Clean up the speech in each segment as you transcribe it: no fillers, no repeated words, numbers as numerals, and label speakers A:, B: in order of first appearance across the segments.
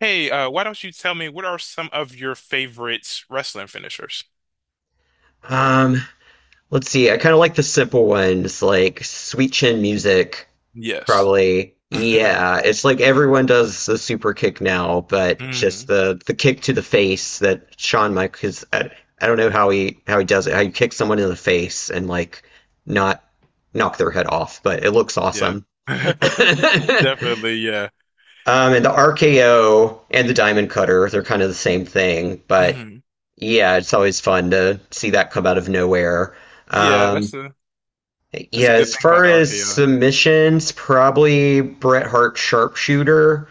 A: Hey, why don't you tell me what are some of your favorite wrestling finishers?
B: Um, let's see. I kind of like the simple ones, like sweet chin music,
A: Yes.
B: probably. Yeah, it's like everyone does the super kick now, but just
A: Mm,
B: the kick to the face that Shawn Michaels. I don't know how he does it. How you kick someone in the face and like not knock their head off, but it looks
A: yeah.
B: awesome.
A: Definitely, yeah.
B: And the RKO and the Diamond Cutter, they're kind of the same thing, but
A: Mhm.
B: yeah, it's always fun to see that come out of nowhere.
A: Yeah,
B: Um,
A: that's
B: yeah,
A: a good
B: as
A: thing about
B: far
A: the
B: as
A: RKO.
B: submissions, probably Bret Hart Sharpshooter.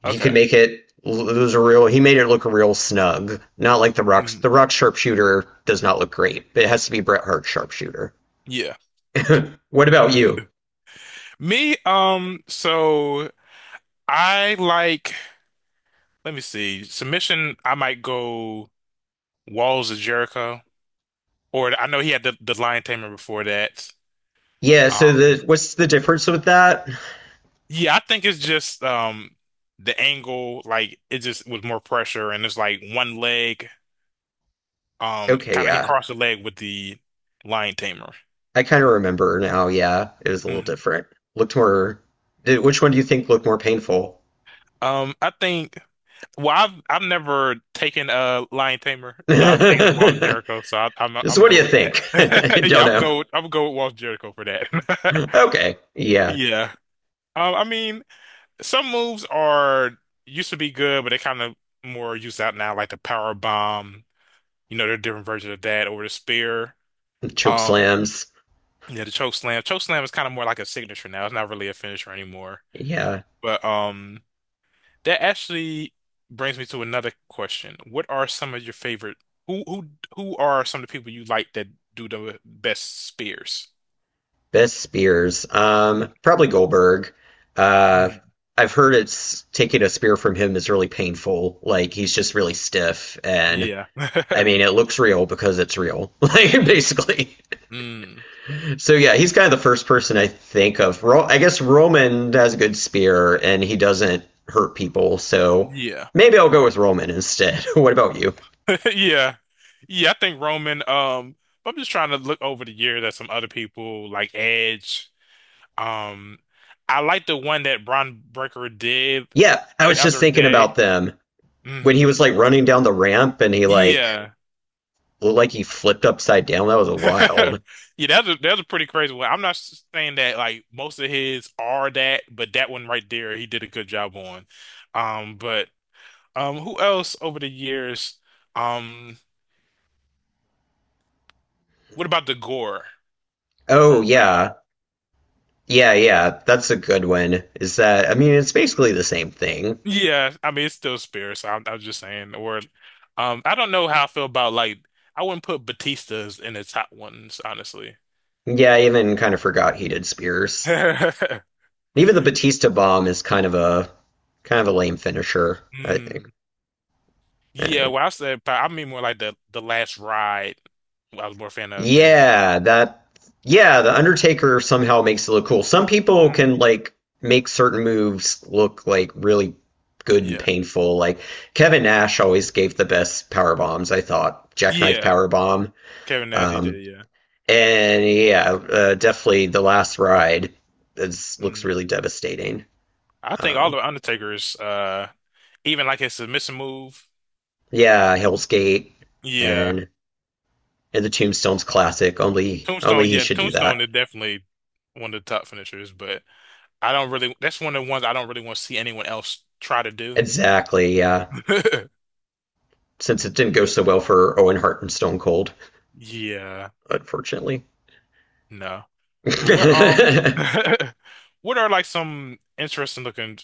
B: He could
A: Okay.
B: make it lose a real, he made it look real snug. Not like the Rock's,
A: Mhm.
B: the Rock Sharpshooter does not look great, but it has to be Bret Hart Sharpshooter.
A: Yeah.
B: What about you?
A: Me, I like, let me see, submission, I might go Walls of Jericho, or I know he had the Lion Tamer before that.
B: Yeah, so
A: Um,
B: the what's the difference with that?
A: Yeah, I think it's just the angle, like it just was more pressure and it's like one leg.
B: Okay,
A: Kind of he
B: yeah.
A: crossed the leg with the lion tamer.
B: I kind of remember now. Yeah, it was a little
A: Mhm.
B: different. Looked more. Did, which one do you think looked more painful?
A: I think well I've never taken a lion tamer, but I've taken the Walls of Jericho, so I'm
B: So
A: gonna
B: what do
A: go
B: you
A: with
B: think?
A: that.
B: Don't
A: Yeah, I'm
B: know.
A: go I'm gonna go with Walls of Jericho for that.
B: Okay. Yeah.
A: Yeah. I mean some moves are used to be good, but they kind of more used out now, like the power bomb. You know, there are different versions of that or the spear.
B: Choke
A: Um,
B: slams.
A: yeah, the choke slam. Choke slam is kind of more like a signature now. It's not really a finisher anymore.
B: Yeah.
A: But that actually brings me to another question. What are some of your favorite? Who who are some of the people you like that do the best spears?
B: Best spears.
A: Mm,
B: Probably Goldberg. Uh,
A: mm,
B: I've heard it's taking a spear from him is really painful. Like he's just really stiff, and
A: yeah.
B: I mean it looks real because it's real. Like basically.
A: Mm,
B: So yeah, he's kind of the first person I think of. I guess Roman has a good spear and he doesn't hurt people, so
A: yeah.
B: maybe I'll go with Roman instead. What about you?
A: Yeah. Yeah, I think Roman, I'm just trying to look over the years at some other people like Edge. Um, I like the one that Bron Breaker did
B: Yeah, I
A: the
B: was just
A: other
B: thinking about
A: day.
B: them when he
A: hmm
B: was like running down the ramp and he like
A: Yeah.
B: looked like he flipped upside down. That was wild.
A: Yeah, that's a pretty crazy one. I'm not saying that like most of his are that, but that one right there, he did a good job on. But who else over the years? Um, what about the gore from
B: Oh
A: Rhino?
B: yeah, yeah. That's a good one. Is that? I mean, it's basically the same thing.
A: Yeah, I mean it's still Spear, so I was just saying. Or, I don't know how I feel about like I wouldn't put Batista's in the top ones, honestly.
B: Yeah, I even kind of forgot he did spears. Even the Batista bomb is kind of a lame finisher, I think.
A: Mm. Yeah,
B: Uh,
A: well, I said, but I mean more like the last ride. I was more a fan of than.
B: Yeah, that yeah, the Undertaker somehow makes it look cool. Some people
A: Mm.
B: can like make certain moves look like really good and
A: Yeah,
B: painful. Like Kevin Nash always gave the best power bombs, I thought. Jackknife
A: yeah.
B: power bomb.
A: Kevin Nash, he
B: Um,
A: did. Yeah.
B: and yeah, definitely the last ride is, looks
A: Mm.
B: really devastating.
A: I think all
B: Um,
A: the Undertaker's, even like his submission move.
B: yeah, Hell's Gate
A: Yeah,
B: and the Tombstones classic. Only
A: Tombstone.
B: he
A: Yeah,
B: should do
A: Tombstone
B: that.
A: is definitely one of the top finishers, but I don't really. That's one of the ones I don't really want to see anyone else try to do.
B: Exactly, yeah. Since it didn't go so well for Owen Hart and Stone Cold,
A: Yeah,
B: unfortunately.
A: no. Well, what
B: Yeah,
A: what are like some interesting looking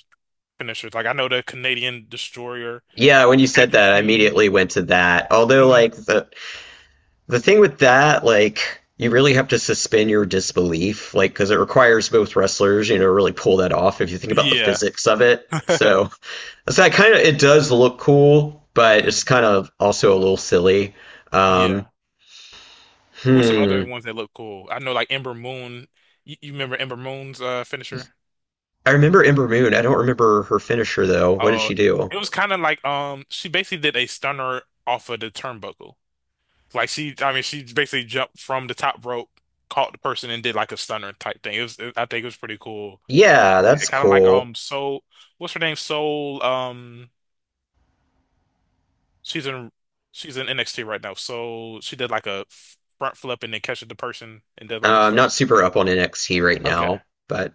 A: finishers. Like I know the Canadian destroyer.
B: when you
A: Have
B: said
A: you
B: that, I
A: seen?
B: immediately went to that. Although,
A: Mm,
B: like the thing with that, like you really have to suspend your disbelief, like because it requires both wrestlers, you know, really pull that off. If you think about the
A: yeah.
B: physics of it, so it's that kind of it does look cool, but it's
A: Mm,
B: kind of also a little silly. Um,
A: yeah. What's some other
B: hmm.
A: ones that look cool? I know like Ember Moon. You remember Ember Moon's finisher?
B: I remember Ember Moon. I don't remember her finisher though. What did she
A: Oh,
B: do?
A: it was kind of like she basically did a stunner off of the turnbuckle. Like she, I mean, she basically jumped from the top rope, caught the person, and did like a stunner type thing. It was, I think, it was pretty cool to
B: Yeah,
A: look at.
B: that's
A: Kind of like
B: cool.
A: Soul, what's her name? Soul She's in she's in NXT right now. So she did like a front flip and then catches the person and did like a
B: I'm
A: stunner
B: not super
A: thing.
B: up on NXT right
A: Okay.
B: now, but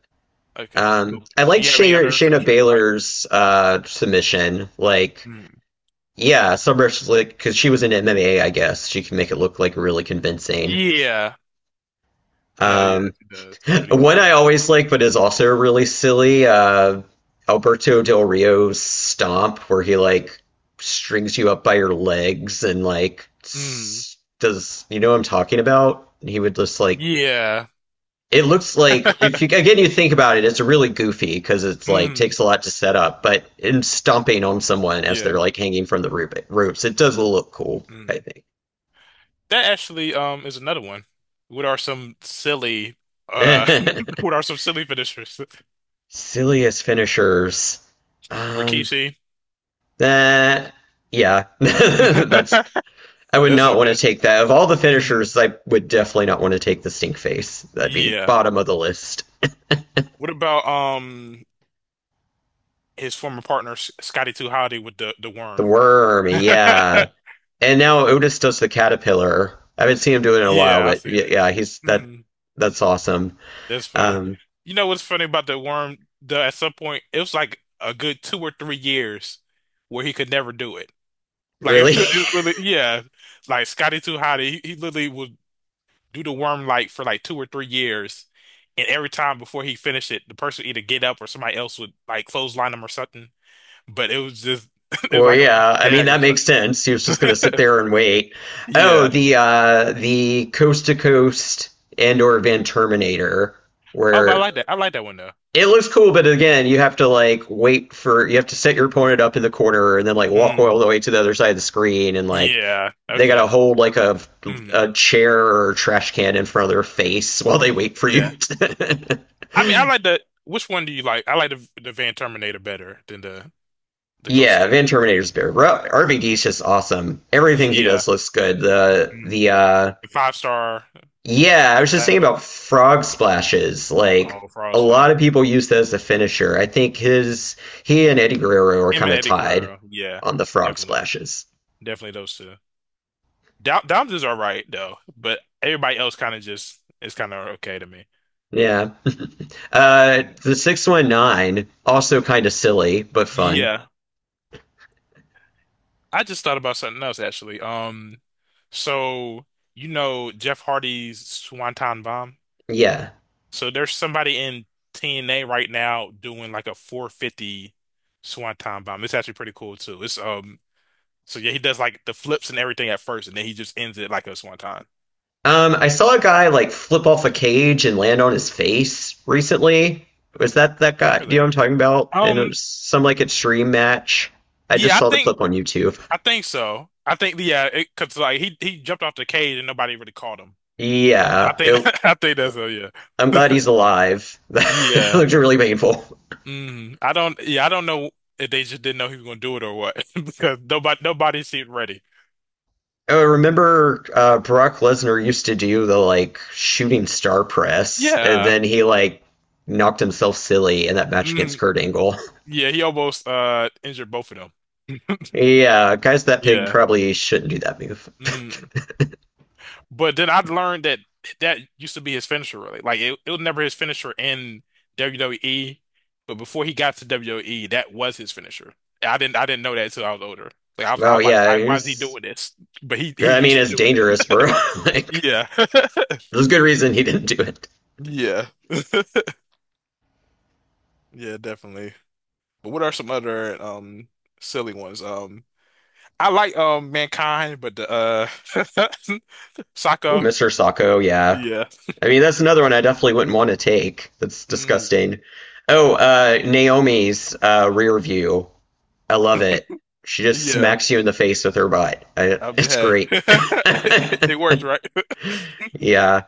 A: Okay. Well,
B: I
A: do
B: liked
A: you have any other
B: Shayna
A: finishers you like?
B: Baylor's submission. Like,
A: Hmm.
B: yeah, some wrestlers like because she was in MMA, I guess she can make it look like really convincing.
A: Yeah. No, yeah,
B: Um,
A: she does. Pretty good
B: one
A: with
B: I
A: that.
B: always like, but is also really silly. Alberto Del Rio's stomp, where he like strings you up by your legs and like
A: Mm.
B: does you know what I'm talking about? He would just like
A: Yeah.
B: it looks like if you again you think about it, it's really goofy because it's like
A: Mm.
B: takes a lot to set up, but in stomping on someone as they're
A: Yeah.
B: like hanging from the ropes, it does look cool. I
A: Mm. That actually is another one. What are some silly uh
B: think
A: what are some silly finishers?
B: silliest finishers. Um,
A: Rikishi.
B: that yeah, that's I would
A: That's
B: not
A: up
B: want to
A: there.
B: take that. Of all the
A: Mm.
B: finishers, I would definitely not want to take the stink face. That'd be
A: Yeah.
B: bottom of the list.
A: What about his former partner Scotty Too Hotty with the
B: The
A: worm.
B: worm, yeah. And now Otis does the caterpillar. I haven't seen him do it in a while,
A: Yeah, I
B: but
A: see
B: yeah,
A: that.
B: yeah he's that.
A: hmm
B: That's awesome.
A: That's funny.
B: Um,
A: You know what's funny about the worm? The at some point it was like a good 2 or 3 years where he could never do it. Like
B: really?
A: it was literally, yeah, like Scotty Too Hotty, he literally would do the worm like for like 2 or 3 years, and every time before he finished it, the person would either get up or somebody else would like clothesline him or something. But it was just it was
B: Well,
A: like a running
B: yeah. I mean,
A: gag or
B: that
A: something.
B: makes sense. He was just going to sit there and wait. Oh,
A: Yeah.
B: the coast to coast and or Van Terminator,
A: Oh, but I
B: where
A: like that. I like that one though.
B: it looks cool, but again, you have to like wait for you have to set your opponent up in the corner and then like walk all
A: Mm.
B: the way to the other side of the screen and like
A: Yeah.
B: they
A: Okay.
B: gotta hold like
A: Mm.
B: a chair or trash can in front of their face while they wait for you.
A: Yeah.
B: To-
A: I mean, I like the. Which one do you like? I like the Van Terminator better than the Coast
B: Yeah,
A: to
B: Van Terminator's better. RVD's just awesome.
A: Coast.
B: Everything he
A: Yeah.
B: does looks good.
A: Mm.
B: The
A: The five-star
B: yeah, I was just
A: Flash.
B: thinking about frog splashes. Like
A: Oh,
B: a
A: Frost Flash.
B: lot of people use that as a finisher. I think his he and Eddie Guerrero are
A: Him
B: kind
A: and
B: of
A: Eddie
B: tied
A: Guerrero. Yeah.
B: on the frog
A: Definitely.
B: splashes.
A: Definitely those two. Dom Dom's is all right though, but everybody else kind of just is kind of okay to me.
B: Yeah.
A: Mm.
B: The 619 also kind of silly but fun.
A: Yeah. I just thought about something else actually. So you know Jeff Hardy's Swanton Bomb.
B: Yeah.
A: So there's somebody in TNA right now doing like a 450 swanton bomb. It's actually pretty cool too. It's so yeah, he does like the flips and everything at first, and then he just ends it like a swanton.
B: I saw a guy like flip off a cage and land on his face recently. Was that that guy? Do you know
A: Really?
B: what I'm talking about? And it
A: Um,
B: was some like extreme match. I just
A: yeah,
B: saw the clip on YouTube.
A: I think so. I think yeah, cause like he jumped off the cage and nobody really caught him. I
B: Yeah,
A: think
B: it
A: I think that's so yeah.
B: I'm glad he's alive. That
A: Yeah.
B: looked really painful.
A: I don't yeah, I don't know if they just didn't know he was gonna do it or what because nobody seemed ready.
B: I remember Brock Lesnar used to do the like shooting star press, and
A: Yeah.
B: then he like knocked himself silly in that match against
A: Mm.
B: Kurt Angle.
A: Yeah, he almost injured both of them.
B: Yeah, guys, that pig
A: Yeah.
B: probably shouldn't do that move.
A: Mm. But then I learned that that used to be his finisher, really. Like it was never his finisher in WWE, but before he got to WWE, that was his finisher. I didn't know that until I was older. Like I
B: Oh
A: was like,
B: yeah, he
A: why is he
B: was.
A: doing this? But he
B: I mean,
A: used to
B: it's
A: do
B: dangerous,
A: it.
B: bro. Like,
A: Yeah.
B: there's good reason he didn't do it.
A: Yeah. Yeah, definitely. But what are some other silly ones? I like Mankind, but the Saka.
B: Mr. Sacco, yeah.
A: Yeah.
B: I mean, that's another one I definitely wouldn't want to take. That's
A: Mm.
B: disgusting. Oh, Naomi's rear view, I love it. She just
A: Yeah.
B: smacks you in the face with her butt. I,
A: I mean,
B: it's
A: hey,
B: great.
A: it works, right?
B: Yeah,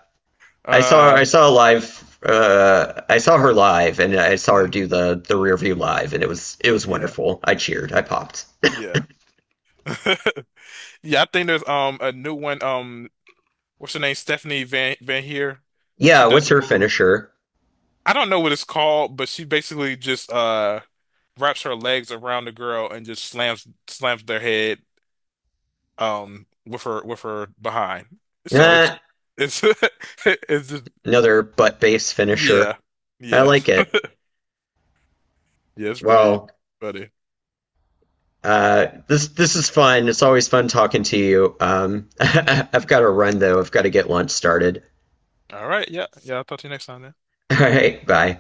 A: Uh,
B: I saw a live. I saw her live, and I saw her do
A: mm.
B: the rear view live, and it was
A: Yeah.
B: wonderful. I cheered. I popped.
A: Yeah. Yeah. I think there's a new one. What's her name? Stephanie Van Heer.
B: Yeah,
A: She does
B: what's
A: the
B: her
A: move.
B: finisher?
A: I don't know what it's called, but she basically just wraps her legs around the girl and just slams their head with her behind. So it's
B: Nah,
A: it's it's just
B: another butt base finisher.
A: yeah,
B: I
A: yeah,
B: like it.
A: yeah. It's pretty
B: Well,
A: funny.
B: this is fun. It's always fun talking to you. I've got to run though. I've got to get lunch started.
A: All right. Yeah. Yeah. I'll talk to you next time then.
B: All right, bye.